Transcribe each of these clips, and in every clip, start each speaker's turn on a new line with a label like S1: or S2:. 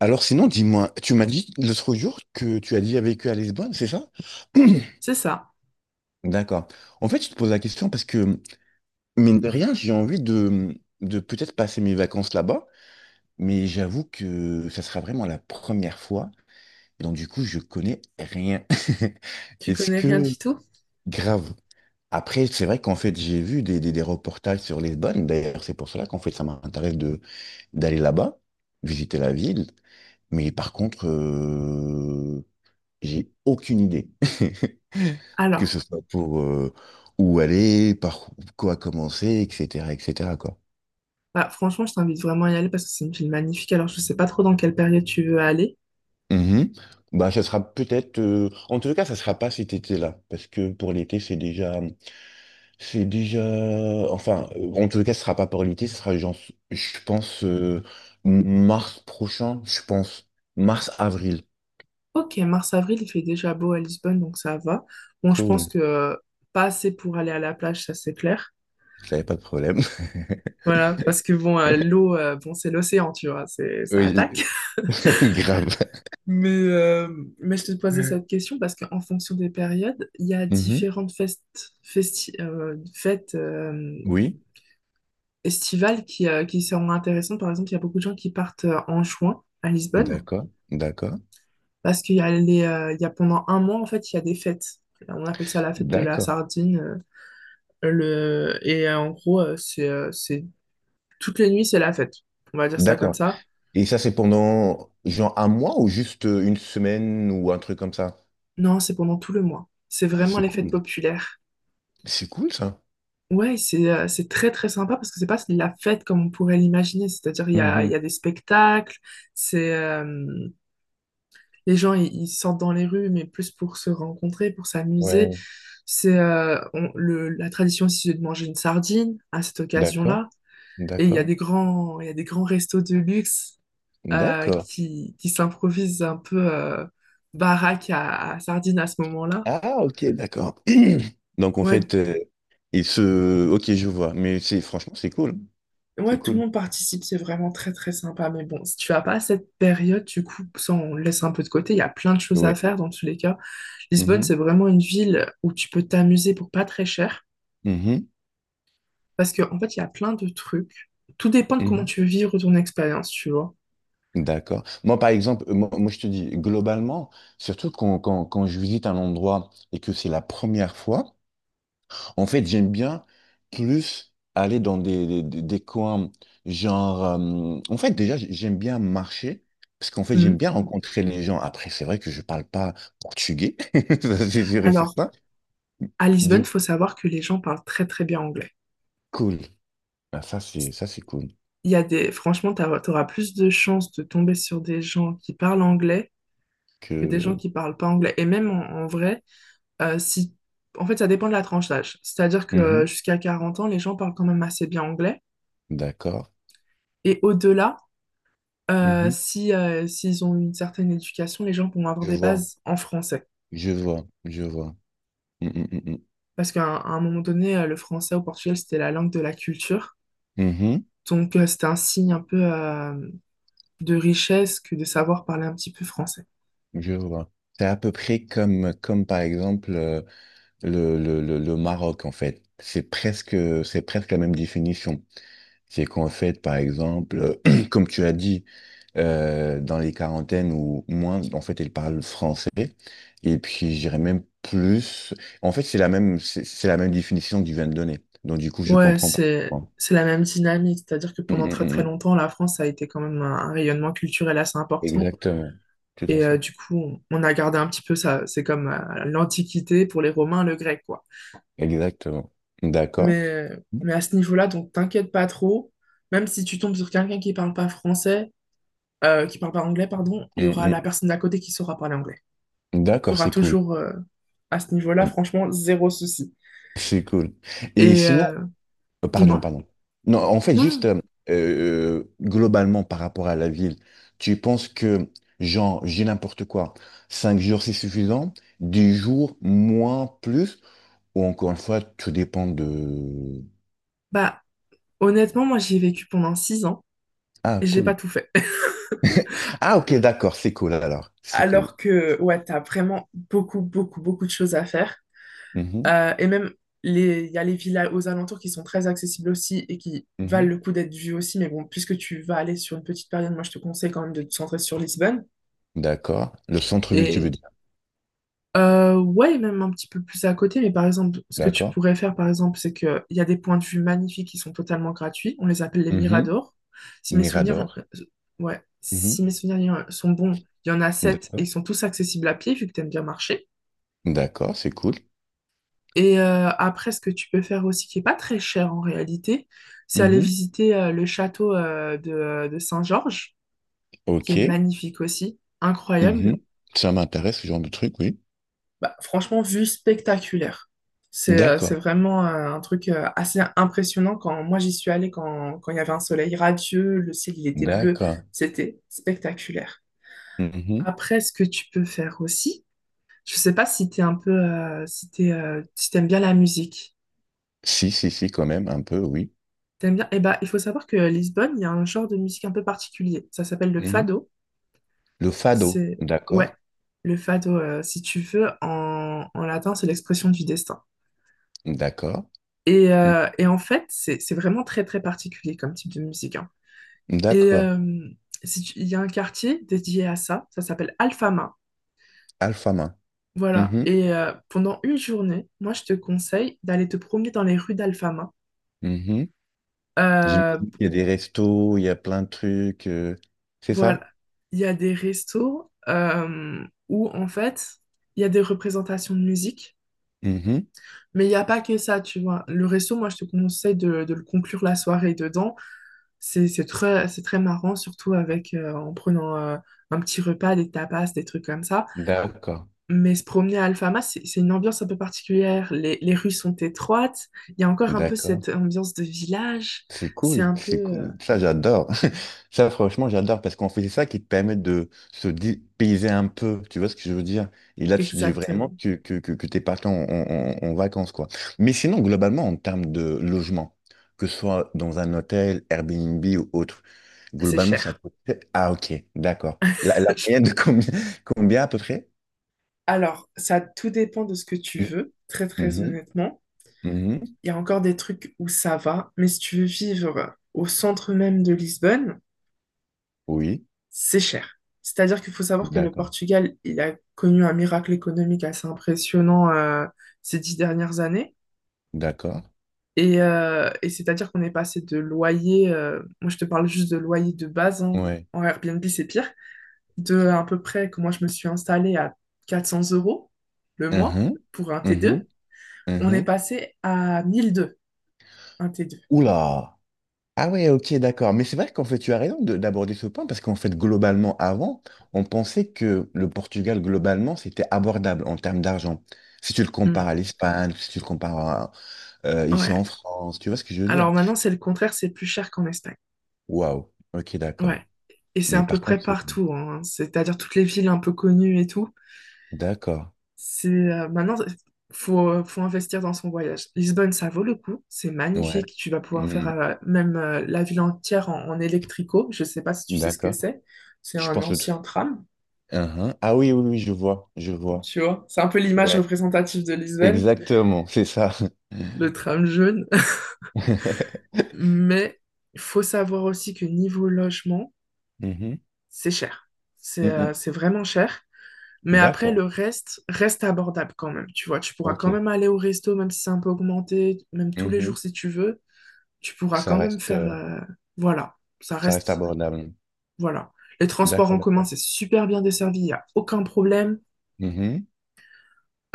S1: Alors sinon, dis-moi, tu m'as dit l'autre jour que tu as déjà vécu à Lisbonne, c'est ça?
S2: C'est ça.
S1: D'accord. En fait, je te pose la question parce que, mine de rien, j'ai envie de peut-être passer mes vacances là-bas, mais j'avoue que ça sera vraiment la première fois, donc du coup, je connais rien.
S2: Tu
S1: Est-ce
S2: connais rien
S1: que...
S2: du tout?
S1: Grave. Après, c'est vrai qu'en fait, j'ai vu des reportages sur Lisbonne, d'ailleurs, c'est pour cela qu'en fait, ça m'intéresse de d'aller là-bas, visiter la ville. Mais par contre, j'ai aucune idée, que
S2: Alors,
S1: ce soit pour où aller, par quoi commencer, etc., etc., quoi.
S2: bah, franchement, je t'invite vraiment à y aller parce que c'est une ville magnifique. Alors, je sais pas trop dans quelle période tu veux aller.
S1: Mhm. Bah, ça sera peut-être. En tout cas, ça sera pas cet été-là, parce que pour l'été, c'est déjà. Enfin, en tout cas, ce sera pas pour l'été, ce sera genre, je pense, mars prochain, je pense, mars-avril.
S2: Ok, mars-avril, il fait déjà beau à Lisbonne, donc ça va. Bon, je pense
S1: Cool.
S2: que pas assez pour aller à la plage, ça c'est clair.
S1: J'avais pas de problème.
S2: Voilà, parce que bon, l'eau, bon, c'est l'océan, tu vois, c'est, ça
S1: Oui,
S2: attaque.
S1: grave.
S2: Mais, euh, mais je te posais cette question parce qu'en fonction des périodes, il y a
S1: Mhm.
S2: différentes fêtes
S1: Oui,
S2: estivales qui seront intéressantes. Par exemple, il y a beaucoup de gens qui partent en juin à Lisbonne
S1: d'accord, d'accord,
S2: parce qu'il y a pendant un mois, en fait, il y a des fêtes. On appelle ça la fête de la
S1: d'accord.
S2: sardine. Et en gros, c'est toutes les nuits, c'est la fête. On va dire ça comme
S1: D'accord.
S2: ça.
S1: Et ça, c'est pendant genre un mois ou juste une semaine ou un truc comme ça?
S2: Non, c'est pendant tout le mois. C'est
S1: Ah,
S2: vraiment
S1: c'est
S2: les fêtes
S1: cool.
S2: populaires.
S1: C'est cool ça.
S2: Ouais, c'est très très sympa parce que c'est pas de la fête comme on pourrait l'imaginer. C'est-à-dire, il y a, il
S1: Mhm.
S2: y a des spectacles, c'est les gens, ils sortent dans les rues, mais plus pour se rencontrer, pour s'amuser.
S1: Ouais.
S2: La tradition aussi de manger une sardine à cette
S1: D'accord.
S2: occasion-là. Et il y a
S1: D'accord.
S2: des grands restos de luxe
S1: D'accord.
S2: qui s'improvisent un peu baraque à sardine à ce moment-là.
S1: Ah, ok, d'accord. Donc en
S2: Ouais,
S1: fait, il se. Ok, je vois. Mais c'est franchement, c'est cool. C'est
S2: ouais, tout le
S1: cool.
S2: monde participe, c'est vraiment très très sympa. Mais bon, si tu vas pas à cette période, du coup, ça on le laisse un peu de côté. Il y a plein de choses à
S1: Ouais.
S2: faire dans tous les cas. Lisbonne,
S1: Mhm.
S2: c'est vraiment une ville où tu peux t'amuser pour pas très cher.
S1: Mhm.
S2: Parce que, en fait, il y a plein de trucs. Tout dépend de comment
S1: Mhm.
S2: tu veux vivre ton expérience, tu vois.
S1: D'accord. Moi, par exemple, moi, je te dis, globalement, surtout quand je visite un endroit et que c'est la première fois. En fait, j'aime bien plus aller dans des coins genre... En fait, déjà, j'aime bien marcher parce qu'en fait, j'aime
S2: Mhm.
S1: bien rencontrer les gens. Après, c'est vrai que je parle pas portugais, ça, c'est sûr et
S2: Alors,
S1: certain.
S2: à Lisbonne,
S1: Du coup,
S2: faut savoir que les gens parlent très très bien anglais.
S1: cool. Ah, ça, c'est cool.
S2: Il y a des, franchement, tu auras plus de chances de tomber sur des gens qui parlent anglais que des gens
S1: Que...
S2: qui parlent pas anglais. Et même en vrai, si... En fait, ça dépend de la tranche d'âge. C'est-à-dire que
S1: Mhm.
S2: jusqu'à 40 ans, les gens parlent quand même assez bien anglais.
S1: D'accord.
S2: Et au-delà,
S1: Mhm.
S2: si, s'ils ont une certaine éducation, les gens vont avoir
S1: Je
S2: des
S1: vois,
S2: bases en français.
S1: je vois, je vois. Mm, mm, mm,
S2: Parce qu'à un moment donné, le français au Portugal, c'était la langue de la culture.
S1: mm. Mhm.
S2: Donc, c'était un signe un peu de richesse que de savoir parler un petit peu français.
S1: Je vois. C'est à peu près comme, comme par exemple... Le Maroc, en fait. C'est presque la même définition. C'est qu'en fait, par exemple, comme tu as dit, dans les quarantaines ou moins, en fait, elle parle français. Et puis, j'irais même plus. En fait, c'est la même définition que tu viens de donner. Donc, du coup, je
S2: Ouais,
S1: comprends pas.
S2: c'est,
S1: Bon.
S2: c'est la même dynamique. C'est-à-dire que
S1: Mm,
S2: pendant
S1: mm,
S2: très
S1: mm.
S2: très
S1: Mm.
S2: longtemps, la France a été quand même un rayonnement culturel assez important.
S1: Exactement. Tout à
S2: Et
S1: fait.
S2: du coup, on a gardé un petit peu ça. C'est comme l'Antiquité pour les Romains, le grec, quoi.
S1: Exactement. D'accord.
S2: Mais, mais à ce niveau-là, donc t'inquiète pas trop. Même si tu tombes sur quelqu'un qui parle pas français, qui parle pas anglais, pardon,
S1: Mm,
S2: il y aura
S1: mm.
S2: la personne d'à côté qui saura parler anglais. Tu
S1: D'accord,
S2: auras
S1: c'est cool.
S2: toujours, à ce niveau-là, franchement, zéro souci.
S1: C'est cool. Et
S2: Et
S1: sinon,
S2: euh,
S1: pardon,
S2: Dis-moi.
S1: pardon. Non, en fait,
S2: Non, non.
S1: juste globalement par rapport à la ville, tu penses que, genre, j'ai n'importe quoi, cinq jours c'est suffisant, 10 jours moins, plus, ou encore une fois, tout dépend de...
S2: Bah, honnêtement, moi, j'y ai vécu pendant 6 ans et
S1: Ah,
S2: j'ai pas
S1: cool.
S2: tout fait.
S1: Ah, ok, d'accord, c'est cool alors, c'est cool.
S2: Alors que, ouais, t'as vraiment beaucoup, beaucoup, beaucoup de choses à faire.
S1: Mhm,
S2: Et même, il y a les villas aux alentours qui sont très accessibles aussi et qui valent
S1: mhm.
S2: le coup d'être vues aussi. Mais bon, puisque tu vas aller sur une petite période, moi, je te conseille quand même de te centrer sur Lisbonne.
S1: D'accord. Le centre-ville, tu veux
S2: Et
S1: dire.
S2: ouais, même un petit peu plus à côté. Mais par exemple, ce que tu
S1: D'accord.
S2: pourrais faire, par exemple, c'est qu'il y a des points de vue magnifiques qui sont totalement gratuits. On les appelle les
S1: Mhm.
S2: miradors. Si mes souvenirs,
S1: Mirador.
S2: ouais, si
S1: Mhm.
S2: mes souvenirs euh, sont bons, il y en a sept et ils
S1: D'accord.
S2: sont tous accessibles à pied, vu que tu aimes bien marcher.
S1: D'accord, c'est cool.
S2: Et après, ce que tu peux faire aussi, qui est pas très cher en réalité, c'est aller
S1: Mhm.
S2: visiter le château de Saint-Georges, qui est
S1: Ok.
S2: magnifique aussi, incroyable.
S1: Mhm. Ça m'intéresse, ce genre de truc, oui.
S2: Bah, franchement, vue spectaculaire. C'est
S1: D'accord,
S2: vraiment un truc assez impressionnant. Quand moi j'y suis allée, quand il y avait un soleil radieux, le ciel il était bleu,
S1: d'accord.
S2: c'était spectaculaire.
S1: Mhm.
S2: Après, ce que tu peux faire aussi, je sais pas si t'es un peu, si t'es, si t'aimes bien la musique.
S1: Si, si, si, quand même, un peu, oui.
S2: T'aimes bien? Eh ben, il faut savoir que Lisbonne, il y a un genre de musique un peu particulier. Ça s'appelle le
S1: Mhm.
S2: fado.
S1: Le fado,
S2: C'est, ouais,
S1: d'accord,
S2: le fado, si tu veux, en latin, c'est l'expression du destin.
S1: d'accord,
S2: Et,
S1: Mhm.
S2: euh, et en fait, c'est vraiment très, très particulier comme type de musique, hein. Et
S1: D'accord.
S2: si tu- Il y a un quartier dédié à ça, ça s'appelle Alfama.
S1: Alpha main.
S2: Voilà.
S1: Mhm.
S2: Et pendant une journée, moi, je te conseille d'aller te promener dans les rues d'Alfama.
S1: Mhm. J'imagine
S2: Euh,
S1: qu'il y a des restos, il y a plein de trucs, c'est
S2: Voilà,
S1: ça?
S2: il y a des restos où en fait, il y a des représentations de musique,
S1: Mhm.
S2: mais il n'y a pas que ça, tu vois. Le resto, moi, je te conseille de le conclure la soirée dedans. C'est très marrant, surtout en prenant un petit repas, des tapas, des trucs comme ça.
S1: D'accord,
S2: Mais se promener à Alfama, c'est une ambiance un peu particulière. Les rues sont étroites, il y a encore un peu
S1: d'accord.
S2: cette ambiance de village.
S1: C'est
S2: C'est
S1: cool,
S2: un peu...
S1: c'est
S2: euh,
S1: cool. Ça, j'adore. Ça, franchement, j'adore parce qu'on fait ça qui te permet de se dépayser un peu. Tu vois ce que je veux dire? Et là, tu dis vraiment
S2: Exactement,
S1: que t'es parti en vacances, quoi. Mais sinon, globalement, en termes de logement, que ce soit dans un hôtel, Airbnb ou autre,
S2: c'est
S1: globalement, ça
S2: cher.
S1: coûte... Ah, ok, d'accord. La moyenne de combien, combien à peu près?
S2: Alors, ça tout dépend de ce que tu veux, très très
S1: Mhm,
S2: honnêtement.
S1: mhm.
S2: Il y a encore des trucs où ça va, mais si tu veux vivre au centre même de Lisbonne,
S1: Oui,
S2: c'est cher. C'est-à-dire qu'il faut savoir que le
S1: d'accord,
S2: Portugal, il a connu un miracle économique assez impressionnant ces 10 dernières années.
S1: d'accord.
S2: Et c'est-à-dire qu'on est passé de loyer, moi je te parle juste de loyer de base, hein,
S1: Ouais.
S2: en Airbnb c'est pire, de à peu près que moi je me suis installée à 400 euros le mois
S1: Mhm,
S2: pour un
S1: mhm,
S2: T2. On est
S1: mhm.
S2: passé à 1002, un T2.
S1: Oula! Ah ouais, ok, d'accord. Mais c'est vrai qu'en fait, tu as raison d'aborder ce point parce qu'en fait, globalement, avant, on pensait que le Portugal, globalement, c'était abordable en termes d'argent. Si tu le compares
S2: Hmm.
S1: à l'Espagne, si tu le compares à, ici
S2: Ouais.
S1: en France, tu vois ce que je veux dire?
S2: Alors maintenant, c'est le contraire, c'est plus cher qu'en Espagne.
S1: Waouh, ok, d'accord.
S2: Ouais. Et c'est
S1: Mais
S2: à peu
S1: par
S2: près
S1: contre,
S2: partout, hein. C'est-à-dire toutes les villes un peu connues et tout.
S1: d'accord.
S2: C'est Maintenant, faut investir dans son voyage. Lisbonne, ça vaut le coup. C'est
S1: Ouais.
S2: magnifique. Tu vas pouvoir faire
S1: Hmm,
S2: même la ville entière en, en électrico. Je sais pas si tu sais ce que
S1: d'accord.
S2: c'est. C'est
S1: Je
S2: un
S1: pense le truc.
S2: ancien tram.
S1: Uhum. Ah oui, oui, oui, je vois, je vois.
S2: Tu vois, c'est un peu l'image
S1: Ouais,
S2: représentative de Lisbonne,
S1: exactement, c'est ça.
S2: le tram jaune. Mais il faut savoir aussi que niveau logement,
S1: Mhm.
S2: c'est cher. C'est
S1: Mm,
S2: euh,
S1: mm.
S2: c'est vraiment cher. Mais après,
S1: D'accord,
S2: le reste reste abordable quand même. Tu vois, tu pourras
S1: ok.
S2: quand même aller au resto, même si c'est un peu augmenté, même tous les jours si tu veux. Tu pourras
S1: Ça
S2: quand même
S1: reste,
S2: faire,
S1: euh,
S2: voilà, ça
S1: ça reste
S2: reste.
S1: abordable.
S2: Voilà. Les transports
S1: D'accord,
S2: en commun,
S1: d'accord.
S2: c'est super bien desservi, il n'y a aucun problème.
S1: Mhm.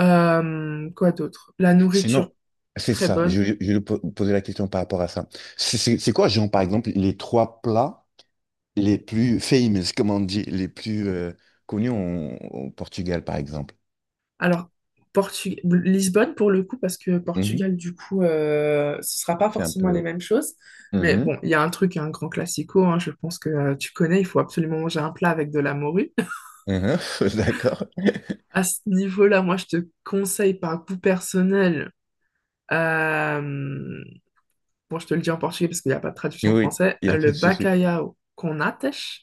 S2: Quoi d'autre? La nourriture,
S1: Sinon, c'est
S2: très
S1: ça. Je,
S2: bonne.
S1: je vais po- poser la question par rapport à ça. C'est quoi, genre, par exemple, les trois plats les plus famous, comme on dit, les plus connus au Portugal, par exemple?
S2: Alors, Lisbonne pour le coup, parce que
S1: Mhm.
S2: Portugal, du coup, ce sera pas
S1: C'est un
S2: forcément les
S1: peu.
S2: mêmes choses. Mais
S1: Mhm.
S2: bon, il y a un truc, un grand classico, hein, je pense que tu connais, il faut absolument manger un plat avec de la morue.
S1: Mhm. D'accord.
S2: À ce niveau-là, moi, je te conseille par goût personnel, euh, bon, je te le dis en portugais parce qu'il n'y a pas de traduction en
S1: Oui,
S2: français,
S1: il n'y a pas
S2: le
S1: de souci.
S2: bacalhau com natas.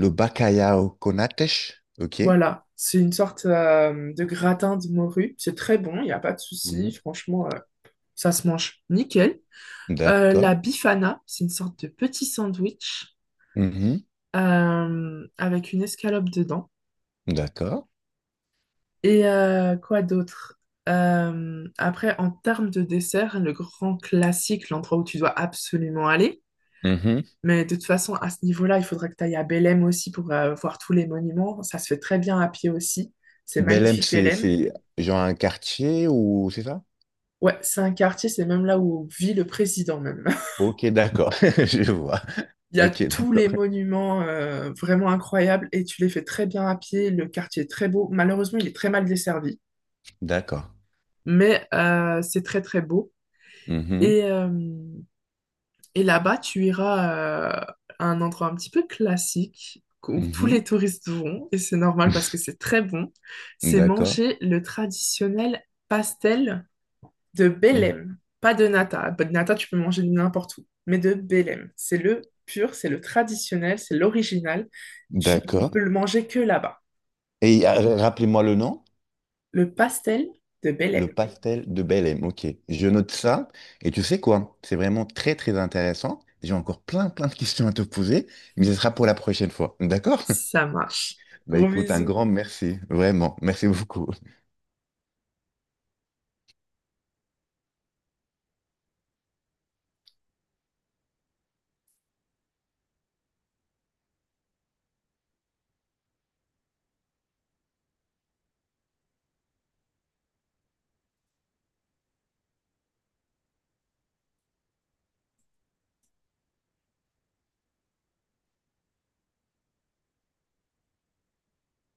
S1: Le bacalhau con natas, ok?
S2: Voilà, c'est une sorte de gratin de morue. C'est très bon, il n'y a pas de souci.
S1: Mhm.
S2: Franchement, ça se mange nickel. La
S1: D'accord.
S2: bifana, c'est une sorte de petit sandwich
S1: Mhm.
S2: avec une escalope dedans.
S1: D'accord.
S2: Et quoi d'autre? Après, en termes de dessert, le grand classique, l'endroit où tu dois absolument aller.
S1: Mhm.
S2: Mais de toute façon, à ce niveau-là, il faudra que tu ailles à Belém aussi pour voir tous les monuments. Ça se fait très bien à pied aussi. C'est
S1: Belém,
S2: magnifique, Belém.
S1: c'est genre un quartier ou c'est ça?
S2: Ouais, c'est un quartier, c'est même là où vit le président même.
S1: Ok, d'accord, je vois.
S2: Il y a
S1: Ok,
S2: tous
S1: d'accord.
S2: les monuments vraiment incroyables et tu les fais très bien à pied. Le quartier est très beau. Malheureusement, il est très mal desservi,
S1: D'accord.
S2: mais c'est très très beau.
S1: Mhm,
S2: Et, euh, et là-bas, tu iras à un endroit un petit peu classique où tous les
S1: mhm,
S2: touristes vont et c'est normal parce que c'est très bon. C'est
S1: d'accord.
S2: manger le traditionnel pastel de
S1: Mhm,
S2: Bélem, pas de nata. Bah, de nata, tu peux manger de n'importe où, mais de Bélem. C'est le pur, c'est le traditionnel, c'est l'original. Tu
S1: d'accord.
S2: peux le manger que là-bas.
S1: Et rappelez-moi le nom,
S2: Le pastel de
S1: le
S2: Bélem.
S1: pastel de Belém. Ok, je note ça. Et tu sais quoi? C'est vraiment très, très intéressant. J'ai encore plein, plein de questions à te poser, mais ce sera pour la prochaine fois. D'accord?
S2: Ça marche.
S1: Bah
S2: Gros
S1: écoute, un
S2: bisous.
S1: grand merci, vraiment. Merci beaucoup.